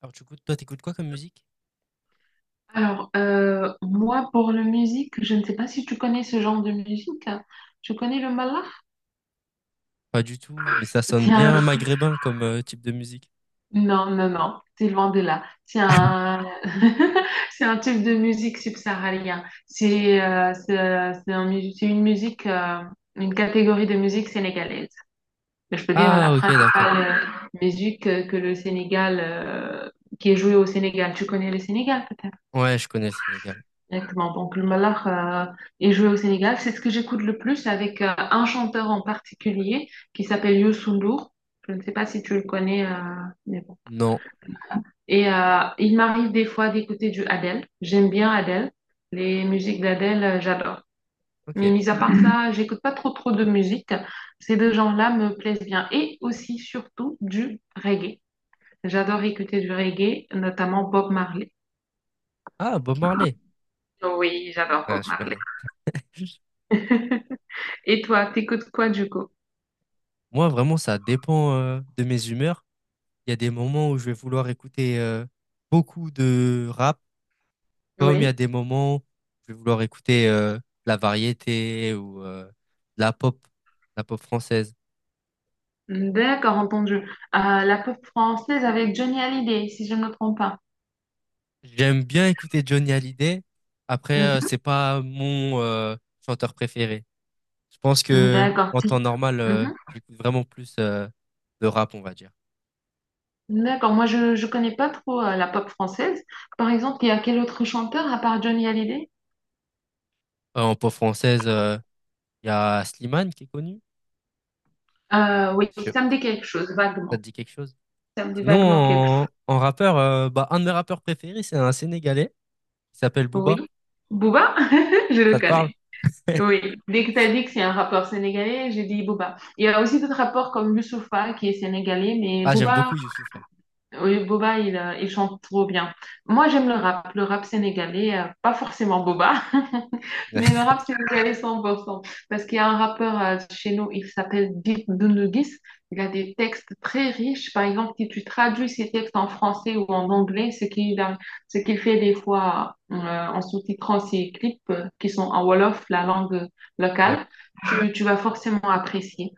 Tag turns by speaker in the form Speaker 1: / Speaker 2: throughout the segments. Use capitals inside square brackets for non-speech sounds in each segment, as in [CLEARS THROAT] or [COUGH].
Speaker 1: Alors du coup, toi, t'écoutes quoi comme musique?
Speaker 2: Alors, moi, pour la musique, je ne sais pas si tu connais ce genre de musique. Tu connais le mallah?
Speaker 1: Pas du tout, mais ça sonne
Speaker 2: C'est un...
Speaker 1: bien maghrébin comme type de musique.
Speaker 2: Non, non, non, c'est loin de là. C'est
Speaker 1: [LAUGHS]
Speaker 2: un... [LAUGHS] c'est un type de musique subsaharienne. C'est une musique, une catégorie de musique sénégalaise. Je peux dire la
Speaker 1: Ah, ok, d'accord.
Speaker 2: principale musique que le Sénégal, qui est jouée au Sénégal. Tu connais le Sénégal?
Speaker 1: Ouais, je connais le Sénégal.
Speaker 2: Exactement. Donc, le Malakh est joué au Sénégal. C'est ce que j'écoute le plus avec un chanteur en particulier qui s'appelle Youssou Ndour. Je ne sais pas si tu le connais, mais bon.
Speaker 1: Non.
Speaker 2: Et il m'arrive des fois d'écouter du Adele. J'aime bien Adele. Les musiques d'Adele, j'adore. Mais
Speaker 1: Ok.
Speaker 2: mis à part ça, [CLEARS THROAT] j'écoute pas trop trop de musique. Ces deux genres-là me plaisent bien. Et aussi, surtout, du reggae. J'adore écouter du reggae, notamment Bob Marley.
Speaker 1: Ah, Bob Marley.
Speaker 2: Oui, j'adore Bob
Speaker 1: Ouais, je
Speaker 2: Marley.
Speaker 1: connais.
Speaker 2: [LAUGHS] Et toi, t'écoutes quoi du coup?
Speaker 1: Moi, vraiment, ça dépend de mes humeurs. Il y a des moments où je vais vouloir écouter beaucoup de rap, comme il y a
Speaker 2: Oui.
Speaker 1: des moments où je vais vouloir écouter la variété ou la pop, la pop française.
Speaker 2: D'accord, entendu. La pop française avec Johnny Hallyday, si je ne me trompe pas.
Speaker 1: J'aime bien écouter Johnny Hallyday. Après, c'est pas mon chanteur préféré. Je pense
Speaker 2: Mhm.
Speaker 1: que
Speaker 2: D'accord,
Speaker 1: en
Speaker 2: si.
Speaker 1: temps normal,
Speaker 2: Mhm.
Speaker 1: j'écoute vraiment plus de rap, on va dire.
Speaker 2: D'accord, moi je connais pas trop la pop française. Par exemple, il y a quel autre chanteur à part Johnny Hallyday?
Speaker 1: En pop française, il y a Slimane qui est connu.
Speaker 2: Oui,
Speaker 1: Sais
Speaker 2: ça
Speaker 1: pas
Speaker 2: me
Speaker 1: si
Speaker 2: dit quelque chose,
Speaker 1: ça te
Speaker 2: vaguement.
Speaker 1: dit quelque chose?
Speaker 2: Ça me dit
Speaker 1: Sinon,
Speaker 2: vaguement quelque chose.
Speaker 1: en rappeur, bah, un de mes rappeurs préférés, c'est un Sénégalais. Il s'appelle
Speaker 2: Oui.
Speaker 1: Booba.
Speaker 2: Booba, [LAUGHS] je
Speaker 1: Ça
Speaker 2: le
Speaker 1: te parle?
Speaker 2: connais. Oui.
Speaker 1: [LAUGHS]
Speaker 2: Dès que tu as dit que c'est un rappeur sénégalais, j'ai dit Booba. Il y a aussi d'autres rappeurs comme Youssoupha qui est sénégalais, mais
Speaker 1: Ah, j'aime
Speaker 2: Booba,
Speaker 1: beaucoup Youssoupha.
Speaker 2: oui, Boba, il chante trop bien. Moi, j'aime le rap sénégalais, pas forcément Boba, [LAUGHS] mais le rap
Speaker 1: [LAUGHS]
Speaker 2: sénégalais 100%. Parce qu'il y a un rappeur chez nous, il s'appelle Dip Doundouguis. Il a des textes très riches. Par exemple, si tu traduis ses textes en français ou en anglais, ce qu'il fait des fois en sous-titrant ses clips qui sont en Wolof, la langue
Speaker 1: Ouais.
Speaker 2: locale, tu vas forcément apprécier.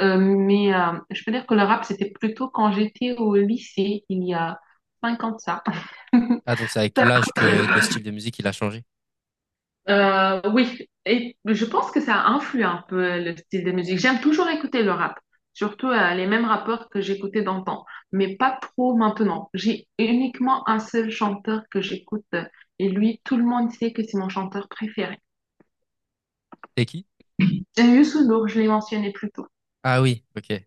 Speaker 2: Mais je peux dire que le rap, c'était plutôt quand j'étais au lycée, il y a 5 ans de ça.
Speaker 1: Ah, donc c'est avec l'âge que le
Speaker 2: [LAUGHS]
Speaker 1: style de musique, il a changé.
Speaker 2: Oui, et je pense que ça influe un peu le style de musique. J'aime toujours écouter le rap, surtout les mêmes rappeurs que j'écoutais d'antan, mais pas trop maintenant. J'ai uniquement un seul chanteur que j'écoute et lui, tout le monde sait que c'est mon chanteur préféré.
Speaker 1: C'est qui?
Speaker 2: J'aime Youssou Ndour, je l'ai mentionné plus tôt.
Speaker 1: Ah oui, ok.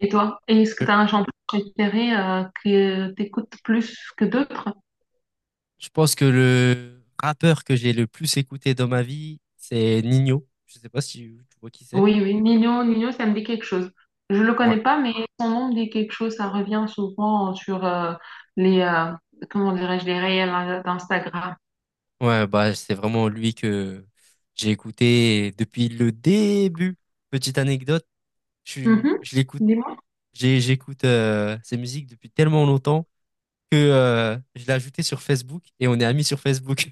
Speaker 2: Et toi, est-ce que tu as un chanteur préféré que tu écoutes plus que d'autres?
Speaker 1: Je pense que le rappeur que j'ai le plus écouté dans ma vie, c'est Nino. Je sais pas si tu vois qui c'est.
Speaker 2: Oui, oui, Nino, ça me dit quelque chose. Je le
Speaker 1: Ouais.
Speaker 2: connais pas, mais son nom me dit quelque chose. Ça revient souvent sur les, euh, comment dirais-je, les réels d'Instagram.
Speaker 1: Ouais, bah c'est vraiment lui que j'ai écouté depuis le début. Petite anecdote, je,
Speaker 2: Mhm.
Speaker 1: je l'écoute,
Speaker 2: Dis-moi.
Speaker 1: j'écoute ses musiques depuis tellement longtemps que je l'ai ajouté sur Facebook et on est amis sur Facebook.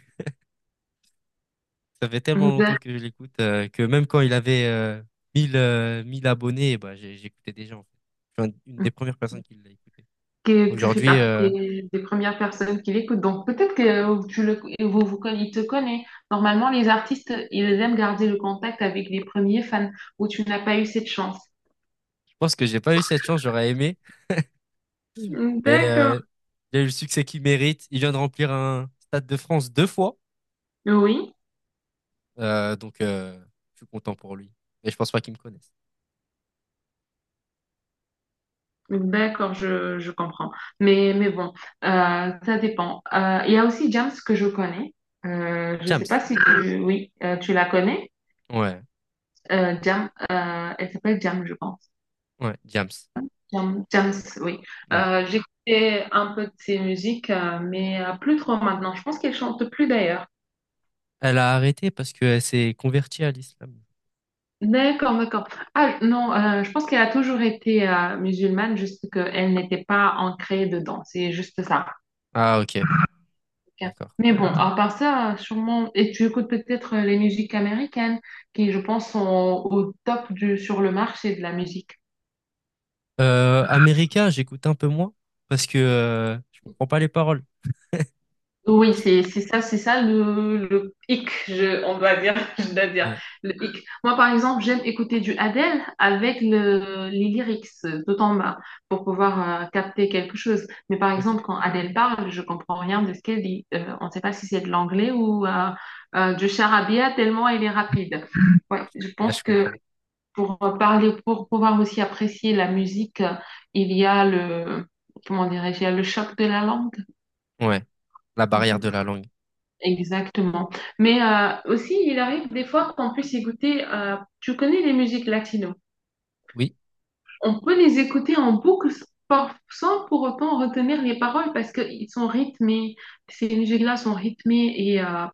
Speaker 1: [LAUGHS] Ça fait tellement longtemps
Speaker 2: D'ac-
Speaker 1: que je l'écoute que même quand il avait 1000 1000 abonnés, bah j'écoutais déjà en fait. Je suis une des premières personnes qui l'a écouté.
Speaker 2: Que tu fais
Speaker 1: Aujourd'hui,
Speaker 2: partie des premières personnes qui l'écoutent. Donc peut-être que tu le, il te connaît. Normalement, les artistes, ils aiment garder le contact avec les premiers fans où tu n'as pas eu cette chance.
Speaker 1: je pense que j'ai pas eu cette chance, j'aurais aimé, mais
Speaker 2: D'accord.
Speaker 1: il a eu le succès qu'il mérite. Il vient de remplir un Stade de France deux fois,
Speaker 2: Oui.
Speaker 1: donc je suis content pour lui. Mais je pense pas qu'il me connaisse.
Speaker 2: D'accord, je comprends. Mais bon, ça dépend. Il y a aussi Jams que je connais. Je sais pas
Speaker 1: James,
Speaker 2: si tu... Oui, tu la connais.
Speaker 1: ouais,
Speaker 2: Jam, elle s'appelle Jam, je pense.
Speaker 1: ouais, James,
Speaker 2: Jam, Jams, oui.
Speaker 1: ouais.
Speaker 2: J'écoutais un peu de ses musiques, mais plus trop maintenant. Je pense qu'elle chante plus d'ailleurs.
Speaker 1: Elle a arrêté parce qu'elle s'est convertie à l'islam.
Speaker 2: D'accord, d'accord. Ah non, je pense qu'elle a toujours été musulmane, juste qu'elle n'était pas ancrée dedans. C'est juste ça.
Speaker 1: Ah ok,
Speaker 2: Ok.
Speaker 1: d'accord.
Speaker 2: Mais bon, à part ça, sûrement, et tu écoutes peut-être les musiques américaines qui, je pense, sont au top du, sur le marché de la musique.
Speaker 1: America, j'écoute un peu moins parce que je comprends pas les paroles.
Speaker 2: Oui, c'est ça, c'est ça le hic, on doit dire, [LAUGHS] je dois dire,
Speaker 1: Ouais,
Speaker 2: le hic. Moi, par exemple, j'aime écouter du Adele avec le, les lyrics tout en bas pour pouvoir capter quelque chose. Mais par
Speaker 1: ok,
Speaker 2: exemple, quand Adele parle, je comprends rien de ce qu'elle dit. On ne sait pas si c'est de l'anglais ou du charabia tellement elle est rapide. [LAUGHS] Ouais, je
Speaker 1: ouais,
Speaker 2: pense
Speaker 1: je
Speaker 2: que
Speaker 1: comprends.
Speaker 2: pour parler, pour pouvoir aussi apprécier la musique, il y a le, comment dirais-je, il y a le choc de la langue.
Speaker 1: Ouais, la barrière
Speaker 2: Mhm.
Speaker 1: de la langue.
Speaker 2: Exactement. Mais aussi, il arrive des fois qu'on puisse écouter, tu connais les musiques latino.
Speaker 1: Oui.
Speaker 2: On peut les écouter en boucle sans pour autant retenir les paroles parce qu'ils sont rythmés. Ces musiques-là sont rythmées et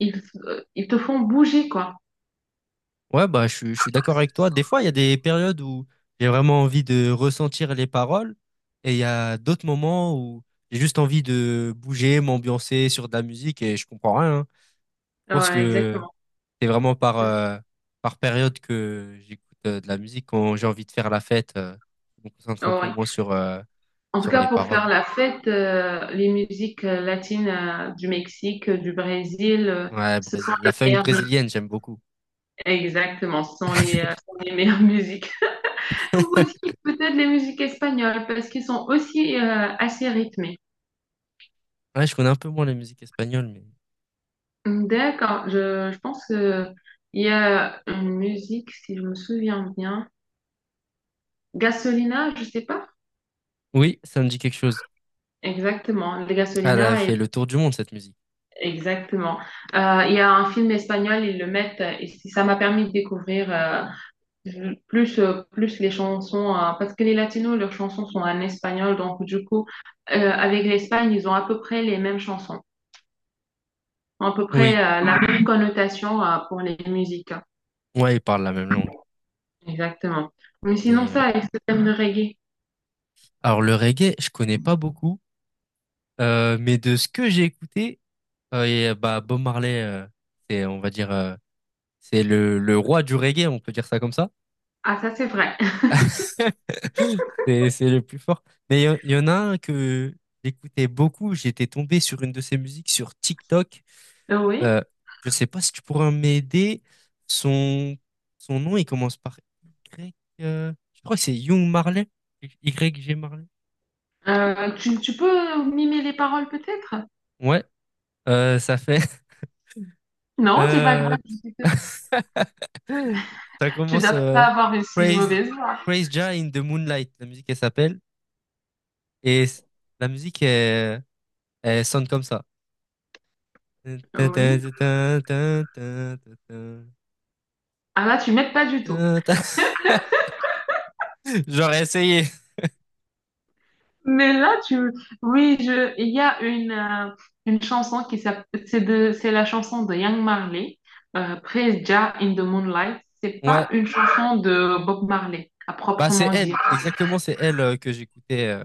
Speaker 2: ils, ils te font bouger, quoi.
Speaker 1: Ouais, bah, je suis d'accord avec toi. Des fois, il y a des périodes où j'ai vraiment envie de ressentir les paroles et il y a d'autres moments où j'ai juste envie de bouger, m'ambiancer sur de la musique et je comprends rien, hein. Je pense
Speaker 2: Ouais,
Speaker 1: que
Speaker 2: exactement.
Speaker 1: c'est vraiment par période que j'écoute de la musique quand j'ai envie de faire la fête. Je me concentre un peu
Speaker 2: Ouais.
Speaker 1: moins
Speaker 2: En tout
Speaker 1: sur
Speaker 2: cas,
Speaker 1: les
Speaker 2: pour faire
Speaker 1: paroles.
Speaker 2: la fête, les musiques latines du Mexique, du Brésil,
Speaker 1: Ouais,
Speaker 2: ce sont
Speaker 1: Brésil. La
Speaker 2: les
Speaker 1: funk
Speaker 2: meilleures musiques.
Speaker 1: brésilienne, j'aime beaucoup.
Speaker 2: Exactement, ce sont les meilleures [LAUGHS] musiques. Ou aussi peut-être les musiques espagnoles, parce qu'ils sont aussi assez rythmées.
Speaker 1: Ouais, je connais un peu moins la musique espagnole, mais
Speaker 2: D'accord, je pense qu'il y a une musique, si je me souviens bien, Gasolina, je sais pas.
Speaker 1: oui, ça me dit quelque chose.
Speaker 2: Exactement,
Speaker 1: Elle a fait le tour du monde, cette musique.
Speaker 2: Exactement. Il y a un film espagnol, ils le mettent, et ça m'a permis de découvrir... plus les chansons, parce que les latinos, leurs chansons sont en espagnol, donc du coup, avec l'Espagne, ils ont à peu près les mêmes chansons, à peu près
Speaker 1: Oui.
Speaker 2: la même connotation pour les musiques.
Speaker 1: Ouais, ils parlent la même langue.
Speaker 2: Exactement. Mais sinon,
Speaker 1: Mais
Speaker 2: ça, avec ce thème de reggae,
Speaker 1: alors le reggae, je connais pas beaucoup, mais de ce que j'ai écouté, bah Bob Marley, c'est on va dire c'est le roi du reggae, on peut dire ça comme ça.
Speaker 2: ah, ça, c'est vrai. [LAUGHS]
Speaker 1: [LAUGHS] C'est le plus fort. Mais il y en a un que j'écoutais beaucoup. J'étais tombé sur une de ses musiques sur TikTok.
Speaker 2: Oui.
Speaker 1: Euh, je sais pas si tu pourras m'aider. Son Son nom, il commence par Y. Je crois que c'est Young Marley. Y G Marley.
Speaker 2: Tu peux mimer les paroles peut-être?
Speaker 1: Ouais. Ça fait
Speaker 2: Non, c'est pas
Speaker 1: Euh,
Speaker 2: grave. [LAUGHS]
Speaker 1: [LAUGHS] Ça
Speaker 2: Tu
Speaker 1: commence
Speaker 2: dois pas avoir une si
Speaker 1: Praise,
Speaker 2: mauvaise voix.
Speaker 1: Praise Jah in the Moonlight, la musique, elle s'appelle. Et c- la musique, elle, elle sonne comme ça. [LAUGHS]
Speaker 2: Oui. Ah là, tu m'aides pas du tout.
Speaker 1: J'aurais essayé.
Speaker 2: Mais là, tu... Oui, il y a une chanson qui s'appelle... c'est la chanson de Young Marley, Praise Jah in the Moonlight. C'est pas
Speaker 1: Ouais.
Speaker 2: une chanson de Bob Marley, à
Speaker 1: Bah, c'est
Speaker 2: proprement
Speaker 1: elle.
Speaker 2: dire.
Speaker 1: Exactement, c'est elle que j'écoutais.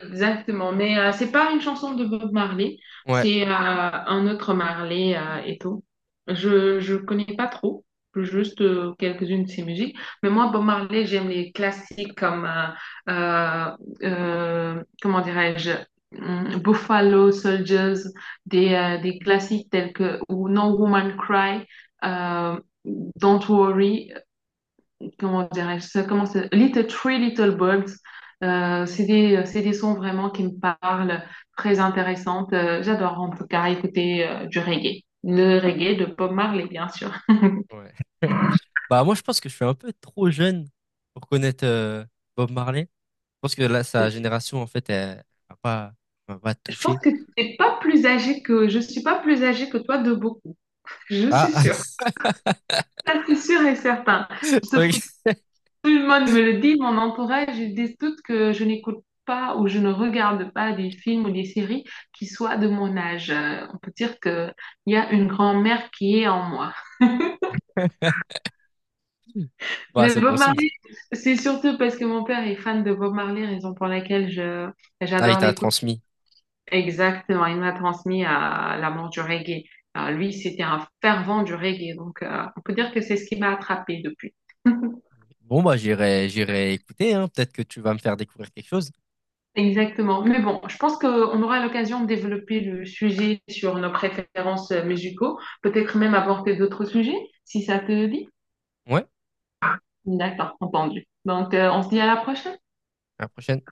Speaker 2: Exactement, mais c'est pas une chanson de Bob Marley,
Speaker 1: Ouais.
Speaker 2: c'est un autre Marley et tout. Je connais pas trop, juste quelques-unes de ses musiques. Mais moi, Bob Marley, j'aime les classiques comme euh, comment dirais-je, Buffalo Soldiers, des classiques tels que ou No Woman Cry, euh, Don't Worry comment dirais-je ça, comment ça- Little Three Little Birds. C'est des sons vraiment qui me parlent, très intéressantes. J'adore en tout cas écouter du reggae. Le reggae de Bob Marley, bien sûr.
Speaker 1: Ouais. [LAUGHS] Bah, moi, je pense que je suis un peu trop jeune pour connaître Bob Marley. Je pense que là, sa
Speaker 2: Je
Speaker 1: génération, en fait, elle va pas, elle m'a pas
Speaker 2: je pense
Speaker 1: touché.
Speaker 2: que t'es pas plus âgé que, je suis pas plus âgée que toi de beaucoup. Je suis
Speaker 1: Ah!
Speaker 2: sûre.
Speaker 1: [LAUGHS]
Speaker 2: Ça, c'est sûr et certain.
Speaker 1: [LAUGHS]
Speaker 2: Sauf que
Speaker 1: Ok.
Speaker 2: tout le monde me le dit, mon entourage, ils disent tous que je n'écoute pas ou je ne regarde pas des films ou des séries qui soient de mon âge. On peut dire qu'il y a une grand-mère qui est en moi.
Speaker 1: Bah,
Speaker 2: Mais
Speaker 1: c'est bon
Speaker 2: Bob
Speaker 1: signe, ça.
Speaker 2: Marley, c'est surtout parce que mon père est fan de Bob Marley, raison pour laquelle
Speaker 1: Ah, il
Speaker 2: j'adore
Speaker 1: t'a
Speaker 2: l'écouter.
Speaker 1: transmis.
Speaker 2: Exactement, il m'a transmis à l'amour du reggae. Lui, c'était un fervent du reggae, donc on peut dire que c'est ce qui m'a attrapée depuis. [LAUGHS]
Speaker 1: Bon, bah, j'irai, j'irai écouter, hein. Peut-être que tu vas me faire découvrir quelque chose.
Speaker 2: Exactement. Mais bon, je pense qu'on aura l'occasion de développer le sujet sur nos préférences musicaux, peut-être même aborder d'autres sujets, si ça te dit.
Speaker 1: Ouais,
Speaker 2: D'accord, entendu. Donc, on se dit à la prochaine.
Speaker 1: à la prochaine.